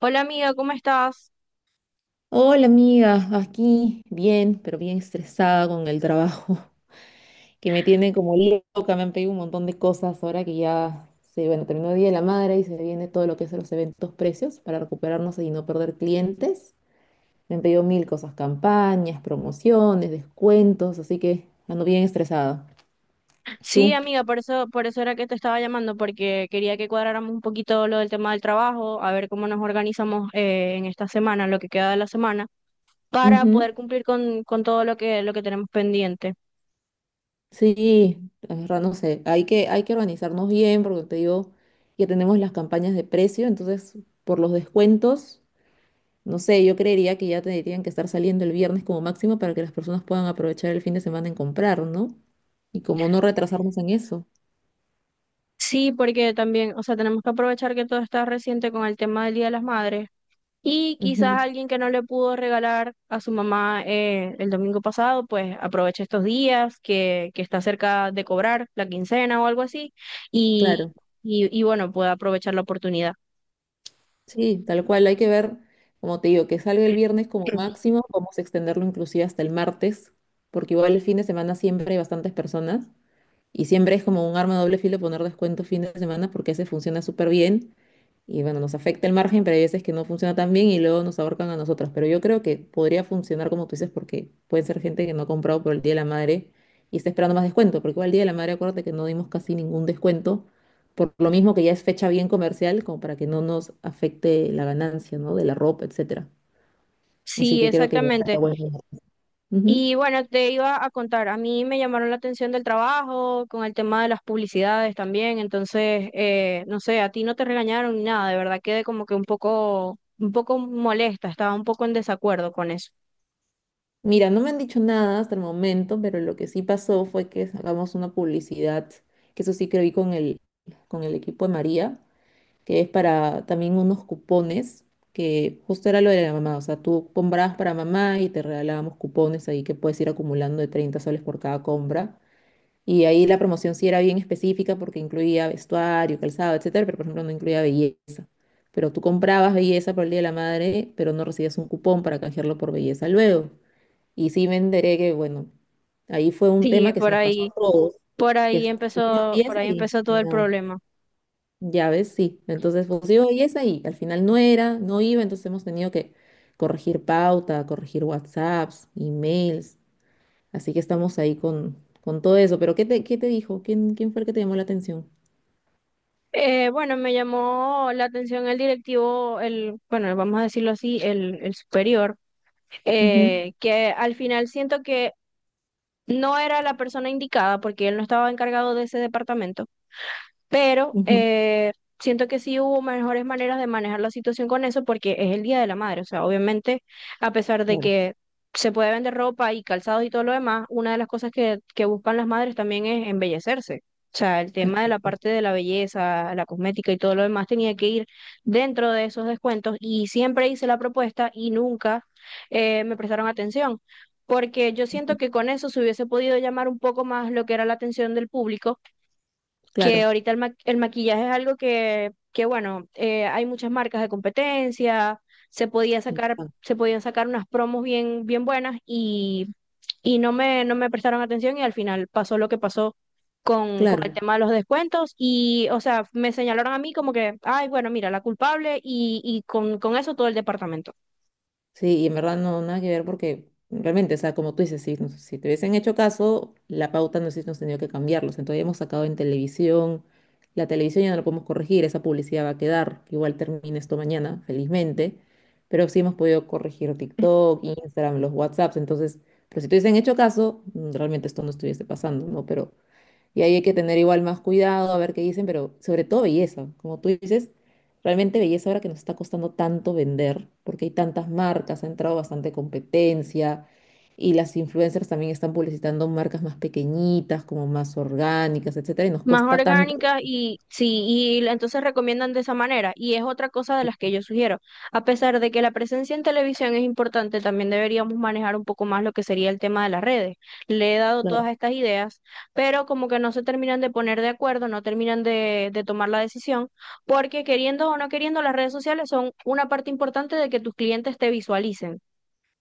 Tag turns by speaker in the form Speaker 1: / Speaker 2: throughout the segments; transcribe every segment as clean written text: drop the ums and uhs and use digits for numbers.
Speaker 1: Hola amiga, ¿cómo estás?
Speaker 2: Hola amiga, aquí bien, pero bien estresada con el trabajo, que me tiene como loca. Me han pedido un montón de cosas ahora que ya se, bueno, terminó el Día de la Madre y se viene todo lo que es los eventos precios para recuperarnos y no perder clientes. Me han pedido mil cosas, campañas, promociones, descuentos, así que ando bien estresada.
Speaker 1: Sí,
Speaker 2: ¿Tú?
Speaker 1: amiga, por eso, era que te estaba llamando, porque quería que cuadráramos un poquito lo del tema del trabajo, a ver cómo nos organizamos en esta semana, lo que queda de la semana, para poder
Speaker 2: Ujú.
Speaker 1: cumplir con todo lo lo que tenemos pendiente.
Speaker 2: Sí, la verdad no sé, hay que organizarnos bien porque te digo, ya tenemos las campañas de precio, entonces por los descuentos. No sé, yo creería que ya tendrían que estar saliendo el viernes como máximo para que las personas puedan aprovechar el fin de semana en comprar, ¿no? Y como no retrasarnos en eso.
Speaker 1: Sí, porque también, o sea, tenemos que aprovechar que todo está reciente con el tema del Día de las Madres. Y
Speaker 2: Ujú.
Speaker 1: quizás alguien que no le pudo regalar a su mamá el domingo pasado, pues aproveche estos días que está cerca de cobrar la quincena o algo así y,
Speaker 2: Claro,
Speaker 1: y bueno, pueda aprovechar la oportunidad.
Speaker 2: sí, tal cual, hay que ver, como te digo, que salga el viernes como máximo, vamos a extenderlo inclusive hasta el martes, porque igual el fin de semana siempre hay bastantes personas y siempre es como un arma de doble filo poner descuento fin de semana porque ese funciona súper bien. Y bueno, nos afecta el margen, pero hay veces que no funciona tan bien y luego nos ahorcan a nosotras. Pero yo creo que podría funcionar como tú dices, porque pueden ser gente que no ha comprado por el Día de la Madre y está esperando más descuento, porque igual el Día de la Madre, acuérdate que no dimos casi ningún descuento, por lo mismo que ya es fecha bien comercial, como para que no nos afecte la ganancia, ¿no? De la ropa, etcétera. Así
Speaker 1: Sí,
Speaker 2: que creo que ya está
Speaker 1: exactamente.
Speaker 2: bueno. Ujú.
Speaker 1: Y bueno, te iba a contar, a mí me llamaron la atención del trabajo, con el tema de las publicidades también, entonces, no sé, a ti no te regañaron ni nada, de verdad quedé como que un poco molesta, estaba un poco en desacuerdo con eso.
Speaker 2: Mira, no me han dicho nada hasta el momento, pero lo que sí pasó fue que sacamos una publicidad, que eso sí que vi con el equipo de María, que es para también unos cupones, que justo era lo de la mamá, o sea, tú comprabas para mamá y te regalábamos cupones ahí que puedes ir acumulando de 30 soles por cada compra. Y ahí la promoción sí era bien específica porque incluía vestuario, calzado, etcétera, pero por ejemplo no incluía belleza. Pero tú comprabas belleza por el Día de la Madre, pero no recibías un cupón para canjearlo por belleza luego. Y sí me enteré que, bueno, ahí fue un
Speaker 1: Sí,
Speaker 2: tema que se
Speaker 1: por
Speaker 2: nos pasó
Speaker 1: ahí.
Speaker 2: a todos, que hicieron
Speaker 1: Por
Speaker 2: belleza
Speaker 1: ahí
Speaker 2: y
Speaker 1: empezó todo el
Speaker 2: nada.
Speaker 1: problema.
Speaker 2: Ya ves, sí. Entonces, pues yo, y es ahí. Al final no era, no iba, entonces hemos tenido que corregir pauta, corregir WhatsApps, emails. Así que estamos ahí con todo eso. Pero ¿qué te dijo? ¿Quién fue el que te llamó la atención?
Speaker 1: Bueno, me llamó la atención el directivo, bueno, vamos a decirlo así, el superior,
Speaker 2: Ujú.
Speaker 1: que al final siento que no era la persona indicada porque él no estaba encargado de ese departamento. Pero
Speaker 2: Ujú.
Speaker 1: siento que sí hubo mejores maneras de manejar la situación con eso porque es el Día de la Madre. O sea, obviamente, a pesar de
Speaker 2: Claro.
Speaker 1: que se puede vender ropa y calzados y todo lo demás, una de las cosas que buscan las madres también es embellecerse. O sea, el tema de la
Speaker 2: Exacto.
Speaker 1: parte de la belleza, la cosmética y todo lo demás tenía que ir dentro de esos descuentos y siempre hice la propuesta y nunca me prestaron atención, porque yo siento que con eso se hubiese podido llamar un poco más lo que era la atención del público, que
Speaker 2: Claro.
Speaker 1: ahorita el maquillaje es algo que bueno, hay muchas marcas de competencia, se podía sacar,
Speaker 2: Exacto.
Speaker 1: se podían sacar unas promos bien, bien buenas y no me prestaron atención y al final pasó lo que pasó con
Speaker 2: Claro.
Speaker 1: el tema de los descuentos y, o sea, me señalaron a mí como que, ay, bueno, mira, la culpable con eso todo el departamento.
Speaker 2: Sí, y en verdad no, nada que ver porque realmente, o sea, como tú dices, si, si te hubiesen hecho caso, la pauta no hubiésemos tenido que cambiarlos. Entonces hemos sacado en televisión, la televisión ya no la podemos corregir, esa publicidad va a quedar, igual termina esto mañana, felizmente, pero sí hemos podido corregir TikTok, Instagram, los WhatsApps, entonces, pero si te hubiesen hecho caso, realmente esto no estuviese pasando, ¿no? Pero y ahí hay que tener igual más cuidado, a ver qué dicen, pero sobre todo belleza. Como tú dices, realmente belleza ahora que nos está costando tanto vender, porque hay tantas marcas, ha entrado bastante competencia y las influencers también están publicitando marcas más pequeñitas, como más orgánicas, etcétera, y nos
Speaker 1: Más
Speaker 2: cuesta tanto.
Speaker 1: orgánicas y sí, entonces recomiendan de esa manera. Y es otra cosa de las que yo sugiero. A pesar de que la presencia en televisión es importante, también deberíamos manejar un poco más lo que sería el tema de las redes. Le he dado
Speaker 2: Claro,
Speaker 1: todas estas ideas, pero como que no se terminan de poner de acuerdo, no terminan de tomar la decisión, porque queriendo o no queriendo, las redes sociales son una parte importante de que tus clientes te visualicen.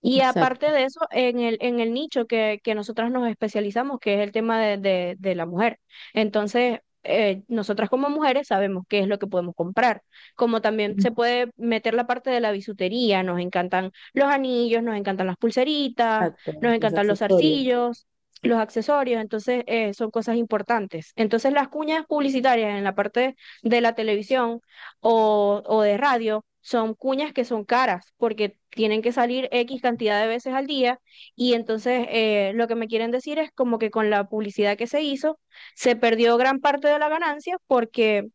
Speaker 1: Y aparte
Speaker 2: exacto.
Speaker 1: de eso, en en el nicho que nosotras nos especializamos, que es el tema de la mujer. Entonces, nosotras como mujeres sabemos qué es lo que podemos comprar. Como también se puede meter la parte de la bisutería, nos encantan los anillos, nos encantan las pulseritas,
Speaker 2: Exacto,
Speaker 1: nos
Speaker 2: los
Speaker 1: encantan los
Speaker 2: accesorios.
Speaker 1: zarcillos, los accesorios, entonces son cosas importantes. Entonces, las cuñas publicitarias en la parte de la televisión o de radio, son cuñas que son caras porque tienen que salir X cantidad de veces al día y entonces lo que me quieren decir es como que con la publicidad que se hizo se perdió gran parte de la ganancia porque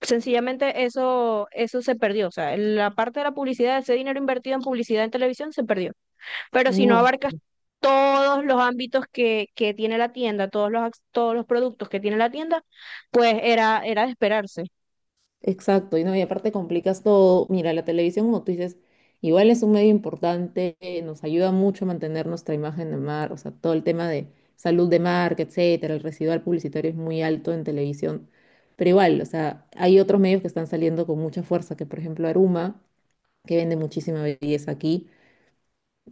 Speaker 1: sencillamente eso, eso se perdió, o sea, la parte de la publicidad, ese dinero invertido en publicidad en televisión se perdió, pero si no
Speaker 2: No,
Speaker 1: abarcas todos los ámbitos que tiene la tienda, todos los productos que tiene la tienda, pues era, era de esperarse.
Speaker 2: exacto, y no, y aparte complicas todo. Mira, la televisión, como tú dices, igual es un medio importante, nos ayuda mucho a mantener nuestra imagen de mar, o sea, todo el tema de salud de marca, etcétera, el residual publicitario es muy alto en televisión, pero igual, o sea, hay otros medios que están saliendo con mucha fuerza, que por ejemplo Aruma, que vende muchísima belleza aquí,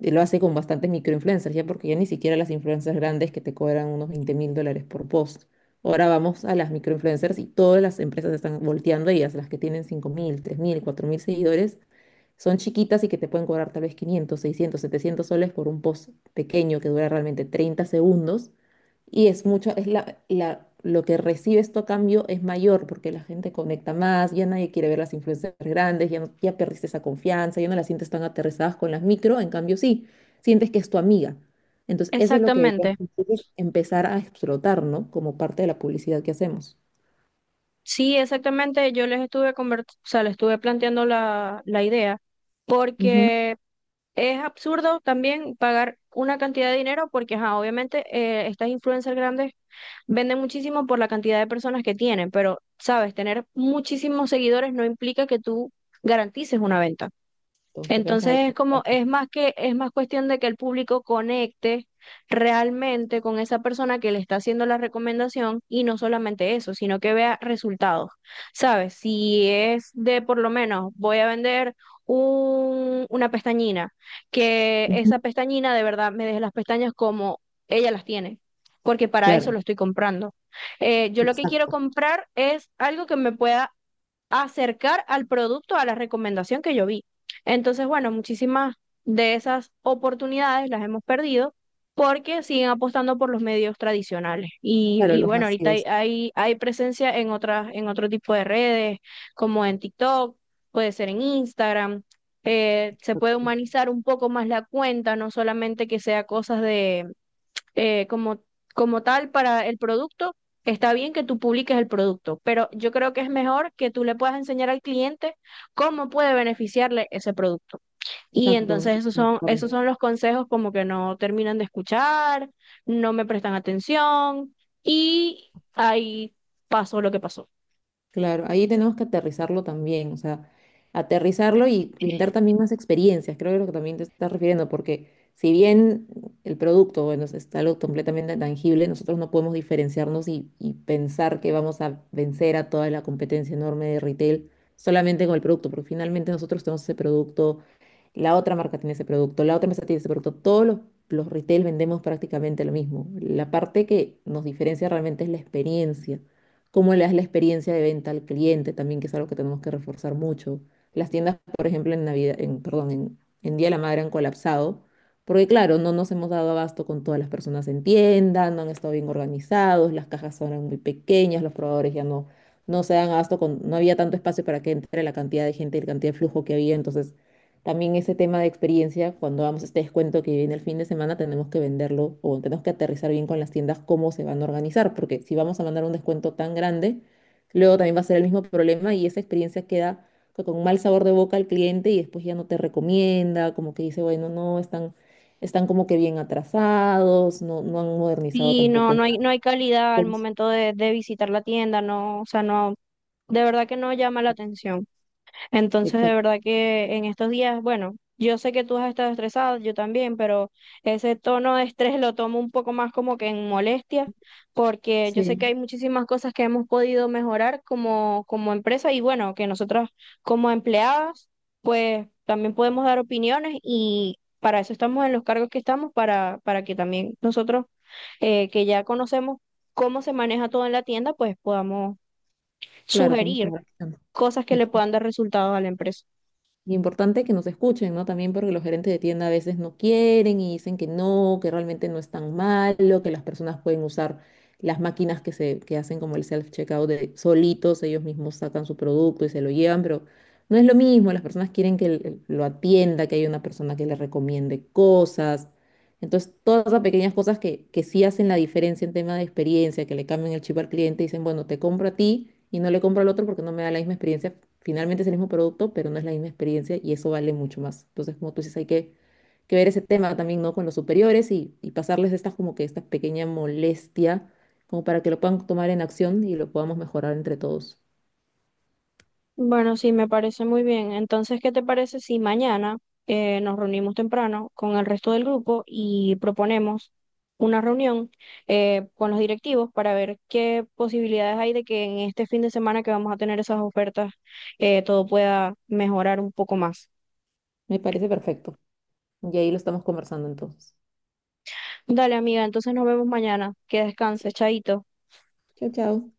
Speaker 2: y lo hace con bastantes microinfluencers, ya porque ya ni siquiera las influencers grandes que te cobran unos 20.000 dólares por post. Ahora vamos a las microinfluencers y todas las empresas están volteando a ellas, las que tienen 5.000, 3.000, 4.000 seguidores, son chiquitas y que te pueden cobrar tal vez 500, 600, 700 soles por un post pequeño que dura realmente 30 segundos, y es mucho. Es la, lo que recibe esto a cambio es mayor porque la gente conecta más, ya nadie quiere ver las influencias grandes, ya, ya perdiste esa confianza, ya no las sientes tan aterrizadas con las micro, en cambio sí, sientes que es tu amiga. Entonces, eso es lo que deberíamos
Speaker 1: Exactamente.
Speaker 2: nosotros empezar a explotar, ¿no? Como parte de la publicidad que hacemos.
Speaker 1: Sí, exactamente. Yo les estuve conver- O sea, les estuve planteando la idea,
Speaker 2: Ujú.
Speaker 1: porque es absurdo también pagar una cantidad de dinero, porque ajá, obviamente estas influencers grandes venden muchísimo por la cantidad de personas que tienen, pero sabes, tener muchísimos seguidores no implica que tú garantices una venta.
Speaker 2: Entonces, que tengas un
Speaker 1: Entonces es como,
Speaker 2: alcance.
Speaker 1: es más que, es más cuestión de que el público conecte realmente con esa persona que le está haciendo la recomendación y no solamente eso, sino que vea resultados. ¿Sabes? Si es de por lo menos voy a vender una pestañina, que
Speaker 2: Ujú.
Speaker 1: esa pestañina de verdad me deje las pestañas como ella las tiene, porque para eso
Speaker 2: Claro,
Speaker 1: lo estoy comprando. Yo lo que quiero
Speaker 2: exacto.
Speaker 1: comprar es algo que me pueda acercar al producto a la recomendación que yo vi. Entonces, bueno, muchísimas de esas oportunidades las hemos perdido porque siguen apostando por los medios tradicionales.
Speaker 2: Claro,
Speaker 1: Y
Speaker 2: los
Speaker 1: bueno, ahorita
Speaker 2: masivos.
Speaker 1: hay presencia en otras, en otro tipo de redes, como en TikTok, puede ser en Instagram. Se puede humanizar un poco más la cuenta, no solamente que sea cosas de como, como tal para el producto. Está bien que tú publiques el producto, pero yo creo que es mejor que tú le puedas enseñar al cliente cómo puede beneficiarle ese producto. Y
Speaker 2: Exacto.
Speaker 1: entonces
Speaker 2: ¿No?
Speaker 1: esos son los consejos como que no terminan de escuchar, no me prestan atención y ahí pasó lo que pasó.
Speaker 2: Claro, ahí tenemos que aterrizarlo también, o sea, aterrizarlo y brindar también más experiencias, creo que es lo que también te estás refiriendo, porque si bien el producto, bueno, es algo completamente tangible, nosotros no podemos diferenciarnos y pensar que vamos a vencer a toda la competencia enorme de retail solamente con el producto, porque finalmente nosotros tenemos ese producto, la otra marca tiene ese producto, la otra empresa tiene ese producto. Todos los retail vendemos prácticamente lo mismo. La parte que nos diferencia realmente es la experiencia. Cómo le das la experiencia de venta al cliente también, que es algo que tenemos que reforzar mucho. Las tiendas, por ejemplo, en Navidad, en, perdón, en Día de la Madre han colapsado, porque claro, no nos hemos dado abasto con todas las personas en tienda, no han estado bien organizados, las cajas son muy pequeñas, los probadores ya no se dan abasto con, no había tanto espacio para que entre la cantidad de gente y la cantidad de flujo que había, entonces también ese tema de experiencia, cuando vamos a este descuento que viene el fin de semana, tenemos que venderlo o tenemos que aterrizar bien con las tiendas cómo se van a organizar, porque si vamos a mandar un descuento tan grande, luego también va a ser el mismo problema y esa experiencia queda con mal sabor de boca al cliente y después ya no te recomienda, como que dice, bueno, no, están como que bien atrasados, no han modernizado
Speaker 1: Y no,
Speaker 2: tampoco
Speaker 1: no hay, no
Speaker 2: nada.
Speaker 1: hay calidad al momento de visitar la tienda, no, o sea, no, de verdad que no llama la atención. Entonces, de
Speaker 2: Exacto.
Speaker 1: verdad que en estos días, bueno, yo sé que tú has estado estresado, yo también, pero ese tono de estrés lo tomo un poco más como que en molestia, porque yo sé que
Speaker 2: Sí,
Speaker 1: hay muchísimas cosas que hemos podido mejorar como, como empresa y bueno, que nosotros como empleadas, pues también podemos dar opiniones y para eso estamos en los cargos que estamos, para que también nosotros que ya conocemos cómo se maneja todo en la tienda, pues podamos
Speaker 2: claro, podemos
Speaker 1: sugerir
Speaker 2: tomar acción.
Speaker 1: cosas que le puedan dar resultados a la empresa.
Speaker 2: Y importante que nos escuchen, ¿no? También porque los gerentes de tienda a veces no quieren y dicen que no, que realmente no es tan malo, que las personas pueden usar las máquinas que hacen como el self-checkout de solitos, ellos mismos sacan su producto y se lo llevan, pero no es lo mismo, las personas quieren que lo atienda, que haya una persona que le recomiende cosas, entonces, todas esas pequeñas cosas que sí hacen la diferencia en tema de experiencia, que le cambian el chip al cliente, dicen, bueno, te compro a ti y no le compro al otro porque no me da la misma experiencia. Finalmente es el mismo producto, pero no es la misma experiencia y eso vale mucho más. Entonces, como tú dices, hay que ver ese tema también, ¿no? Con los superiores y pasarles estas como que esta pequeña molestia, como para que lo puedan tomar en acción y lo podamos mejorar entre todos.
Speaker 1: Bueno, sí, me parece muy bien. Entonces, ¿qué te parece si mañana nos reunimos temprano con el resto del grupo y proponemos una reunión con los directivos para ver qué posibilidades hay de que en este fin de semana que vamos a tener esas ofertas todo pueda mejorar un poco más?
Speaker 2: Me parece perfecto. Y ahí lo estamos conversando entonces.
Speaker 1: Dale, amiga, entonces nos vemos mañana. Que descanses, chaito.
Speaker 2: Chao, chao.